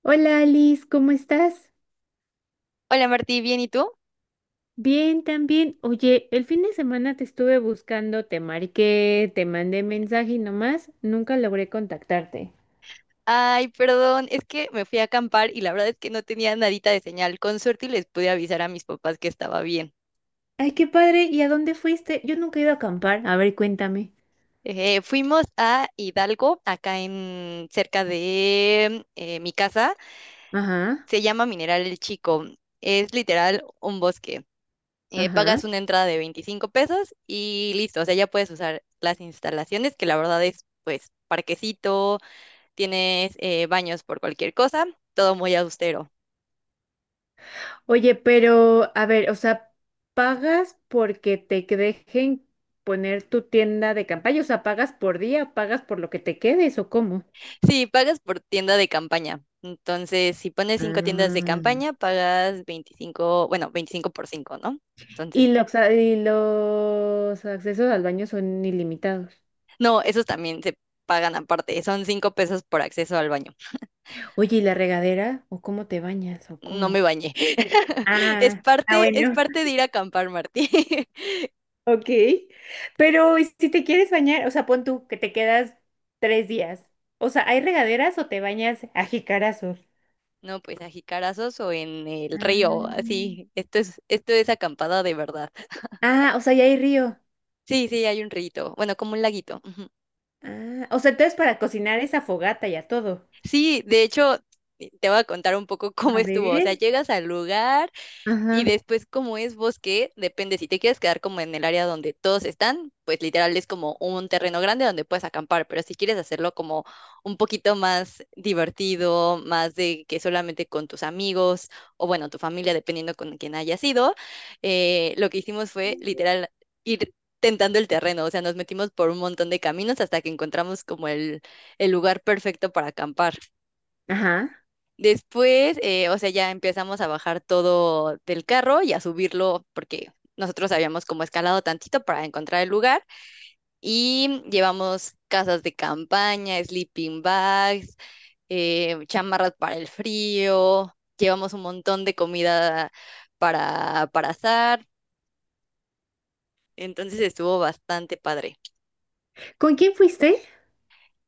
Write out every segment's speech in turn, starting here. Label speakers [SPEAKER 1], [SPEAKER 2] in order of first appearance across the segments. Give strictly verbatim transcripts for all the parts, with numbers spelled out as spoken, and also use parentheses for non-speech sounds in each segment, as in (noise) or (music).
[SPEAKER 1] Hola Alice, ¿cómo estás?
[SPEAKER 2] Hola Martí, ¿bien y tú?
[SPEAKER 1] Bien, también. Oye, el fin de semana te estuve buscando, te marqué, te mandé mensaje y nomás nunca logré contactarte.
[SPEAKER 2] Ay, perdón, es que me fui a acampar y la verdad es que no tenía nadita de señal. Con suerte y les pude avisar a mis papás que estaba bien.
[SPEAKER 1] Ay, qué padre. ¿Y a dónde fuiste? Yo nunca he ido a acampar. A ver, cuéntame.
[SPEAKER 2] Eh, fuimos a Hidalgo, acá en cerca de eh, mi casa.
[SPEAKER 1] Ajá,
[SPEAKER 2] Se llama Mineral El Chico. Es literal un bosque. Eh, pagas
[SPEAKER 1] ajá.
[SPEAKER 2] una entrada de veinticinco pesos y listo. O sea, ya puedes usar las instalaciones, que la verdad es, pues, parquecito. Tienes eh, baños por cualquier cosa, todo muy austero.
[SPEAKER 1] Oye, pero, a ver, o sea, ¿pagas porque te dejen poner tu tienda de campaña? O sea, ¿pagas por día? O ¿pagas por lo que te quedes o cómo?
[SPEAKER 2] Sí, pagas por tienda de campaña. Entonces, si pones cinco tiendas de campaña,
[SPEAKER 1] Ah.
[SPEAKER 2] pagas veinticinco, bueno, veinticinco por cinco, ¿no?
[SPEAKER 1] Y
[SPEAKER 2] Entonces,
[SPEAKER 1] los, a- y los accesos al baño son ilimitados.
[SPEAKER 2] no, esos también se pagan aparte. Son cinco pesos por acceso al baño.
[SPEAKER 1] Oye, ¿y la regadera? ¿O cómo te bañas? ¿O
[SPEAKER 2] No me
[SPEAKER 1] cómo?
[SPEAKER 2] bañé. (laughs) Es
[SPEAKER 1] Ah, ah,
[SPEAKER 2] parte, es
[SPEAKER 1] bueno,
[SPEAKER 2] parte de ir a acampar, Martí. (laughs)
[SPEAKER 1] (laughs) ok. Pero ¿y si te quieres bañar, o sea, pon tú que te quedas tres días. O sea, ¿hay regaderas o te bañas a jicarazos?
[SPEAKER 2] No, pues a jicarazos o en el río,
[SPEAKER 1] Ah.
[SPEAKER 2] así. Esto es, esto es acampada de verdad.
[SPEAKER 1] Ah, o sea, ya hay río.
[SPEAKER 2] Sí, sí, hay un rito. Bueno, como un laguito. Ujú.
[SPEAKER 1] Ah, o sea, entonces para cocinar esa fogata y a todo.
[SPEAKER 2] Sí, de hecho, te voy a contar un poco (laughs) cómo
[SPEAKER 1] A
[SPEAKER 2] estuvo. O sea,
[SPEAKER 1] ver.
[SPEAKER 2] llegas al lugar. Y
[SPEAKER 1] Ajá.
[SPEAKER 2] después, como es bosque, depende si te quieres quedar como en el área donde todos están, pues literal es como un terreno grande donde puedes acampar, pero si quieres hacerlo como un poquito más divertido, más de que solamente con tus amigos o bueno, tu familia, dependiendo con quién haya sido, eh, lo que hicimos fue literal ir tentando el terreno. O sea, nos metimos por un montón de caminos hasta que encontramos como el, el lugar perfecto para acampar.
[SPEAKER 1] Ajá.
[SPEAKER 2] Después, eh, o sea, ya empezamos a bajar todo del carro y a subirlo porque nosotros habíamos como escalado tantito para encontrar el lugar y llevamos casas de campaña, sleeping bags, eh, chamarras para el frío, llevamos un montón de comida para, para asar. Entonces estuvo bastante padre.
[SPEAKER 1] ¿Con quién fuiste?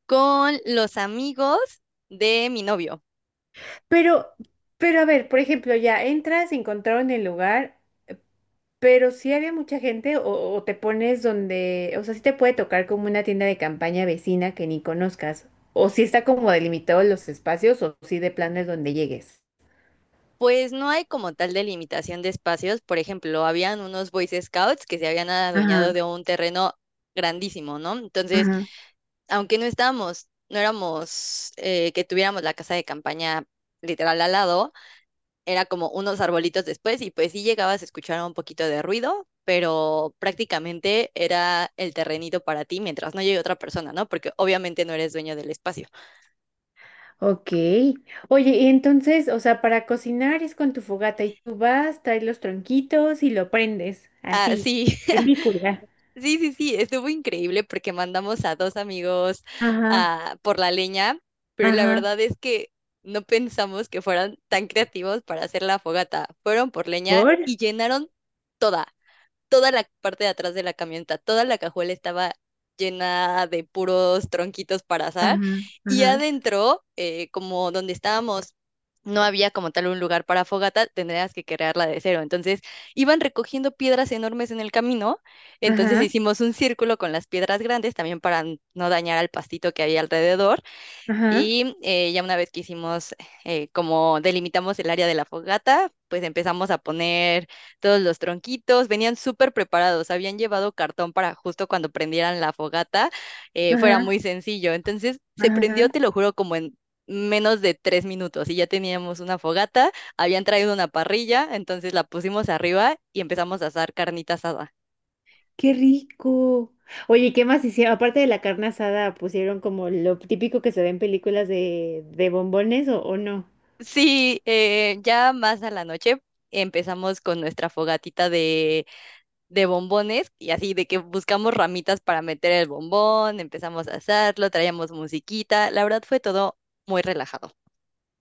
[SPEAKER 2] Con los amigos de mi novio.
[SPEAKER 1] Pero, pero a ver, por ejemplo, ya entras, encontraron el lugar, pero si había mucha gente o, o te pones donde, o sea, si te puede tocar como una tienda de campaña vecina que ni conozcas, o si está como delimitado los espacios o si de plano es donde llegues.
[SPEAKER 2] Pues no hay como tal delimitación de espacios. Por ejemplo, habían unos Boy Scouts que se habían adueñado de
[SPEAKER 1] Ajá,
[SPEAKER 2] un terreno grandísimo, ¿no? Entonces,
[SPEAKER 1] ajá.
[SPEAKER 2] aunque no estábamos, no éramos eh, que tuviéramos la casa de campaña literal al lado, era como unos arbolitos después y pues sí llegabas a escuchar un poquito de ruido, pero prácticamente era el terrenito para ti mientras no llegue otra persona, ¿no? Porque obviamente no eres dueño del espacio.
[SPEAKER 1] Ok. Oye, y entonces, o sea, para cocinar es con tu fogata y tú vas, traes los tronquitos y lo prendes, así,
[SPEAKER 2] Así. (laughs)
[SPEAKER 1] película.
[SPEAKER 2] Sí, sí, sí, estuvo increíble porque mandamos a dos amigos
[SPEAKER 1] Ajá,
[SPEAKER 2] ah, por la leña, pero la
[SPEAKER 1] ajá.
[SPEAKER 2] verdad es que no pensamos que fueran tan creativos para hacer la fogata. Fueron por leña
[SPEAKER 1] ¿Por?
[SPEAKER 2] y llenaron toda, toda la parte de atrás de la camioneta, toda la cajuela estaba llena de puros tronquitos para asar
[SPEAKER 1] Ajá,
[SPEAKER 2] y
[SPEAKER 1] ajá,
[SPEAKER 2] adentro, eh, como donde estábamos no había como tal un lugar para fogata, tendrías que crearla de cero. Entonces iban recogiendo piedras enormes en el camino, entonces
[SPEAKER 1] ajá,
[SPEAKER 2] hicimos un círculo con las piedras grandes también para n- no dañar al pastito que había alrededor
[SPEAKER 1] ajá.
[SPEAKER 2] y eh, ya una vez que hicimos, eh, como delimitamos el área de la fogata, pues empezamos a poner todos los tronquitos. Venían súper preparados, habían llevado cartón para justo cuando prendieran la fogata, eh, fuera
[SPEAKER 1] Ajá,
[SPEAKER 2] muy sencillo. Entonces se prendió,
[SPEAKER 1] ajá.
[SPEAKER 2] te lo juro, como en menos de tres minutos y ya teníamos una fogata. Habían traído una parrilla, entonces la pusimos arriba y empezamos a asar carnita asada.
[SPEAKER 1] Qué rico. Oye, ¿qué más hicieron? Aparte de la carne asada, pusieron como lo típico que se ve en películas de, de bombones o, o no.
[SPEAKER 2] Sí, eh, ya más a la noche empezamos con nuestra fogatita de de bombones y así de que buscamos ramitas para meter el bombón, empezamos a hacerlo, traíamos musiquita, la verdad fue todo muy relajado.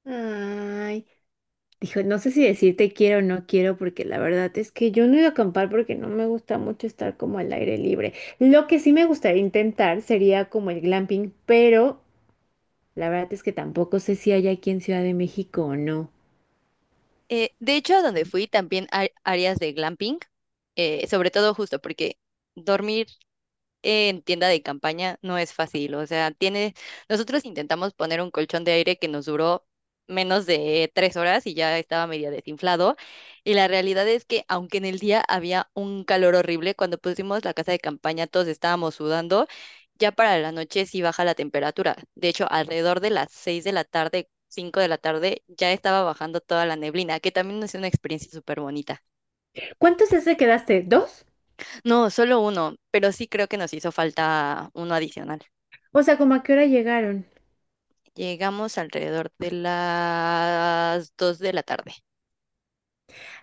[SPEAKER 1] Ay, dijo, no sé si decirte quiero o no quiero, porque la verdad es que yo no he ido a acampar porque no me gusta mucho estar como al aire libre. Lo que sí me gustaría intentar sería como el glamping, pero la verdad es que tampoco sé si hay aquí en Ciudad de México o no.
[SPEAKER 2] Eh, de hecho, a donde fui también hay áreas de glamping, eh, sobre todo justo porque dormir en tienda de campaña no es fácil. O sea, tiene, nosotros intentamos poner un colchón de aire que nos duró menos de tres horas y ya estaba medio desinflado. Y la realidad es que aunque en el día había un calor horrible, cuando pusimos la casa de campaña todos estábamos sudando, ya para la noche sí baja la temperatura. De hecho, alrededor de las seis de la tarde, cinco de la tarde, ya estaba bajando toda la neblina, que también es una experiencia súper bonita.
[SPEAKER 1] ¿Cuántos días te quedaste? ¿Dos?
[SPEAKER 2] No, solo uno, pero sí creo que nos hizo falta uno adicional.
[SPEAKER 1] O sea, ¿como a qué hora llegaron?
[SPEAKER 2] Llegamos alrededor de las dos de la tarde.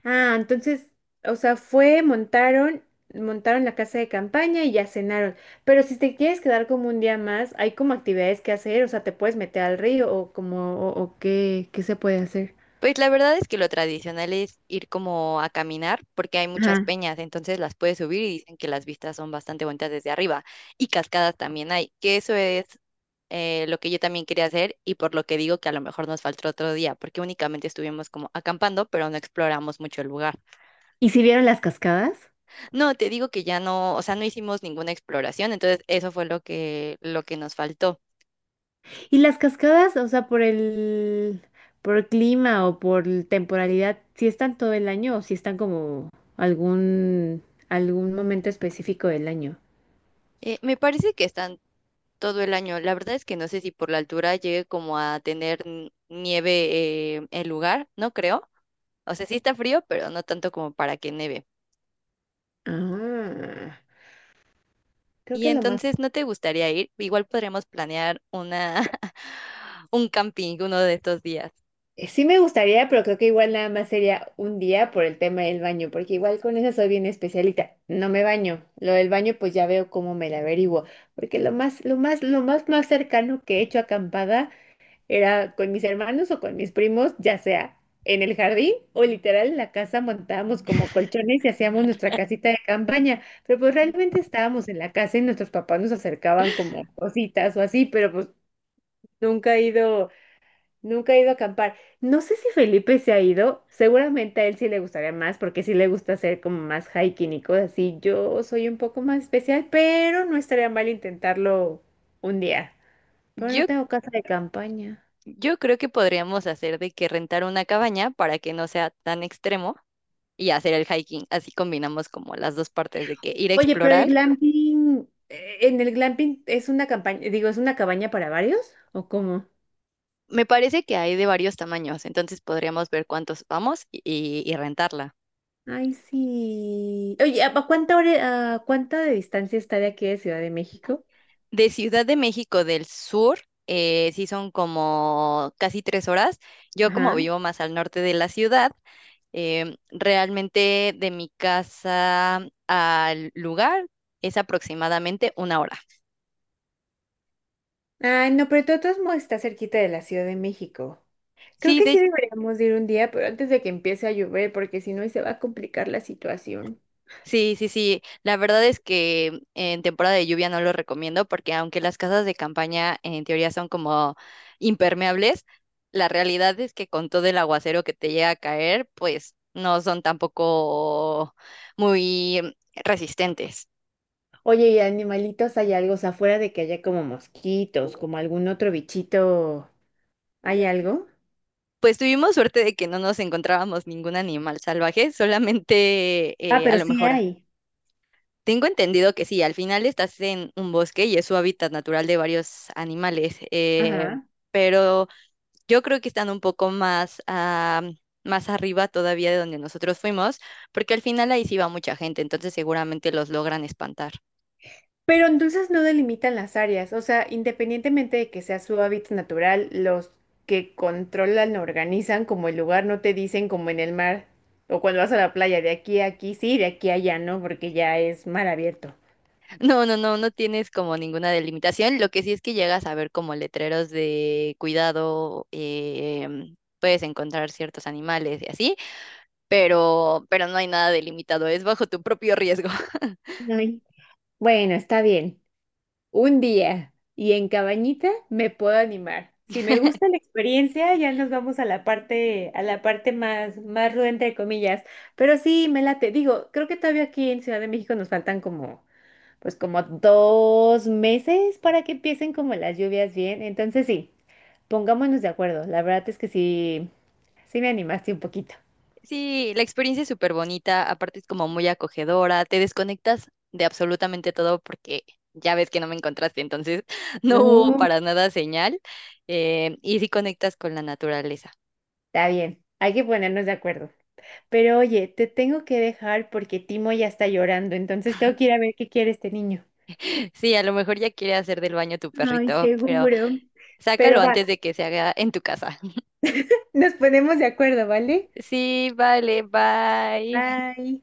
[SPEAKER 1] Ah, entonces, o sea, fue, montaron, montaron la casa de campaña y ya cenaron. Pero si te quieres quedar como un día más, hay como actividades que hacer, o sea, te puedes meter al río o como, o, o qué, qué se puede hacer.
[SPEAKER 2] Pues la verdad es que lo tradicional es ir como a caminar porque hay muchas
[SPEAKER 1] Ajá.
[SPEAKER 2] peñas, entonces las puedes subir y dicen que las vistas son bastante bonitas desde arriba y cascadas también hay, que eso es eh, lo que yo también quería hacer y por lo que digo que a lo mejor nos faltó otro día porque únicamente estuvimos como acampando pero no exploramos mucho el lugar.
[SPEAKER 1] ¿Y si vieron las cascadas?
[SPEAKER 2] No, te digo que ya no, o sea, no hicimos ninguna exploración, entonces eso fue lo que, lo que nos faltó.
[SPEAKER 1] Y las cascadas, o sea, por el, por el clima o por el temporalidad, si están todo el año o si están como algún, algún momento específico del año.
[SPEAKER 2] Eh, me parece que están todo el año. La verdad es que no sé si por la altura llegue como a tener n- nieve eh, el lugar, no creo. O sea, sí está frío, pero no tanto como para que neve.
[SPEAKER 1] Ah, creo
[SPEAKER 2] Y
[SPEAKER 1] que lo más.
[SPEAKER 2] entonces, ¿no te gustaría ir? Igual podríamos planear una (laughs) un camping uno de estos días.
[SPEAKER 1] Eh, Sí me gustaría, pero creo que igual nada más sería un día por el tema del baño, porque igual con eso soy bien especialita. No me baño. Lo del baño, pues ya veo cómo me la averiguo. Porque lo más, lo más, lo más, más cercano que he hecho acampada era con mis hermanos o con mis primos, ya sea en el jardín o literal en la casa montábamos como colchones y hacíamos nuestra casita de campaña. Pero pues realmente estábamos en la casa y nuestros papás nos acercaban como cositas o así, pero pues nunca he ido. Nunca he ido a acampar. No sé si Felipe se ha ido. Seguramente a él sí le gustaría más porque sí le gusta hacer como más hiking y cosas así. Yo soy un poco más especial, pero no estaría mal intentarlo un día. Pero no
[SPEAKER 2] Yo
[SPEAKER 1] tengo casa de campaña.
[SPEAKER 2] yo creo que podríamos hacer de que rentar una cabaña para que no sea tan extremo y hacer el hiking. Así combinamos como las dos partes de que ir a
[SPEAKER 1] Oye, pero el
[SPEAKER 2] explorar.
[SPEAKER 1] glamping, eh, en el glamping es una campaña, digo, ¿es una cabaña para varios? ¿O cómo?
[SPEAKER 2] Me parece que hay de varios tamaños, entonces podríamos ver cuántos vamos y, y- y rentarla.
[SPEAKER 1] Ay, sí. Oye, ¿a a cuánta hora, a cuánta de distancia está de aquí de Ciudad de México?
[SPEAKER 2] De Ciudad de México del Sur, eh, sí son como casi tres horas. Yo como vivo más al norte de la ciudad, em, realmente de mi casa al lugar es aproximadamente una hora.
[SPEAKER 1] Ay, no, pero de todos modos está cerquita de la Ciudad de México. Creo
[SPEAKER 2] Sí,
[SPEAKER 1] que sí
[SPEAKER 2] de.
[SPEAKER 1] deberíamos de ir un día, pero antes de que empiece a llover, porque si no, ahí se va a complicar la situación.
[SPEAKER 2] Sí, sí, sí. La verdad es que en temporada de lluvia no lo recomiendo porque aunque las casas de campaña en teoría son como impermeables, la realidad es que con todo el aguacero que te llega a caer, pues no son tampoco muy resistentes.
[SPEAKER 1] Oye, ¿y animalitos hay algo? O sea, afuera de que haya como mosquitos, como algún otro bichito, ¿hay algo?
[SPEAKER 2] Pues tuvimos suerte de que no nos encontrábamos ningún animal salvaje, solamente
[SPEAKER 1] Ah,
[SPEAKER 2] eh, a
[SPEAKER 1] pero
[SPEAKER 2] lo
[SPEAKER 1] sí
[SPEAKER 2] mejor. a-
[SPEAKER 1] hay.
[SPEAKER 2] Tengo entendido que sí, al final estás en un bosque y es su hábitat natural de varios animales, eh,
[SPEAKER 1] Ajá.
[SPEAKER 2] pero yo creo que están un poco más, ah, más arriba todavía de donde nosotros fuimos, porque al final ahí sí va mucha gente, entonces seguramente los logran espantar.
[SPEAKER 1] Pero entonces no delimitan las áreas, o sea, independientemente de que sea su hábitat natural, los que controlan, organizan como el lugar, no te dicen como en el mar o cuando vas a la playa, de aquí a aquí sí, de aquí a allá no, porque ya es mar abierto.
[SPEAKER 2] (laughs) No, no, no, no tienes como ninguna delimitación. Lo que sí es que llegas a ver como letreros de cuidado, em, puedes encontrar ciertos animales y así, pero, pero no hay nada delimitado, es bajo tu propio riesgo.
[SPEAKER 1] Ay. Bueno, está bien. Un día y en cabañita me puedo animar. Si me gusta la experiencia, ya nos vamos a la parte, a la parte más, más ruda, entre comillas. Pero sí, me late. Digo, creo que todavía aquí en Ciudad de México nos faltan como pues como dos meses para que empiecen como las lluvias bien. Entonces sí, pongámonos de acuerdo. La verdad es que sí, sí me animaste un poquito.
[SPEAKER 2] Sí, la experiencia es súper bonita, aparte es como muy acogedora, te desconectas de absolutamente todo porque ya ves que no me encontraste, entonces (laughs) no hubo
[SPEAKER 1] No,
[SPEAKER 2] para nada señal eh, y sí conectas con la naturaleza.
[SPEAKER 1] está bien, hay que ponernos de acuerdo. Pero oye, te tengo que dejar porque Timo ya está llorando, entonces tengo que ir a ver qué quiere este niño.
[SPEAKER 2] Sí, a lo mejor ya quiere hacer del baño tu
[SPEAKER 1] Ay,
[SPEAKER 2] perrito, pero
[SPEAKER 1] seguro.
[SPEAKER 2] sácalo
[SPEAKER 1] Pero va,
[SPEAKER 2] antes de que se haga en tu casa.
[SPEAKER 1] nos ponemos de acuerdo, ¿vale?
[SPEAKER 2] Sí, vale, bye.
[SPEAKER 1] Bye.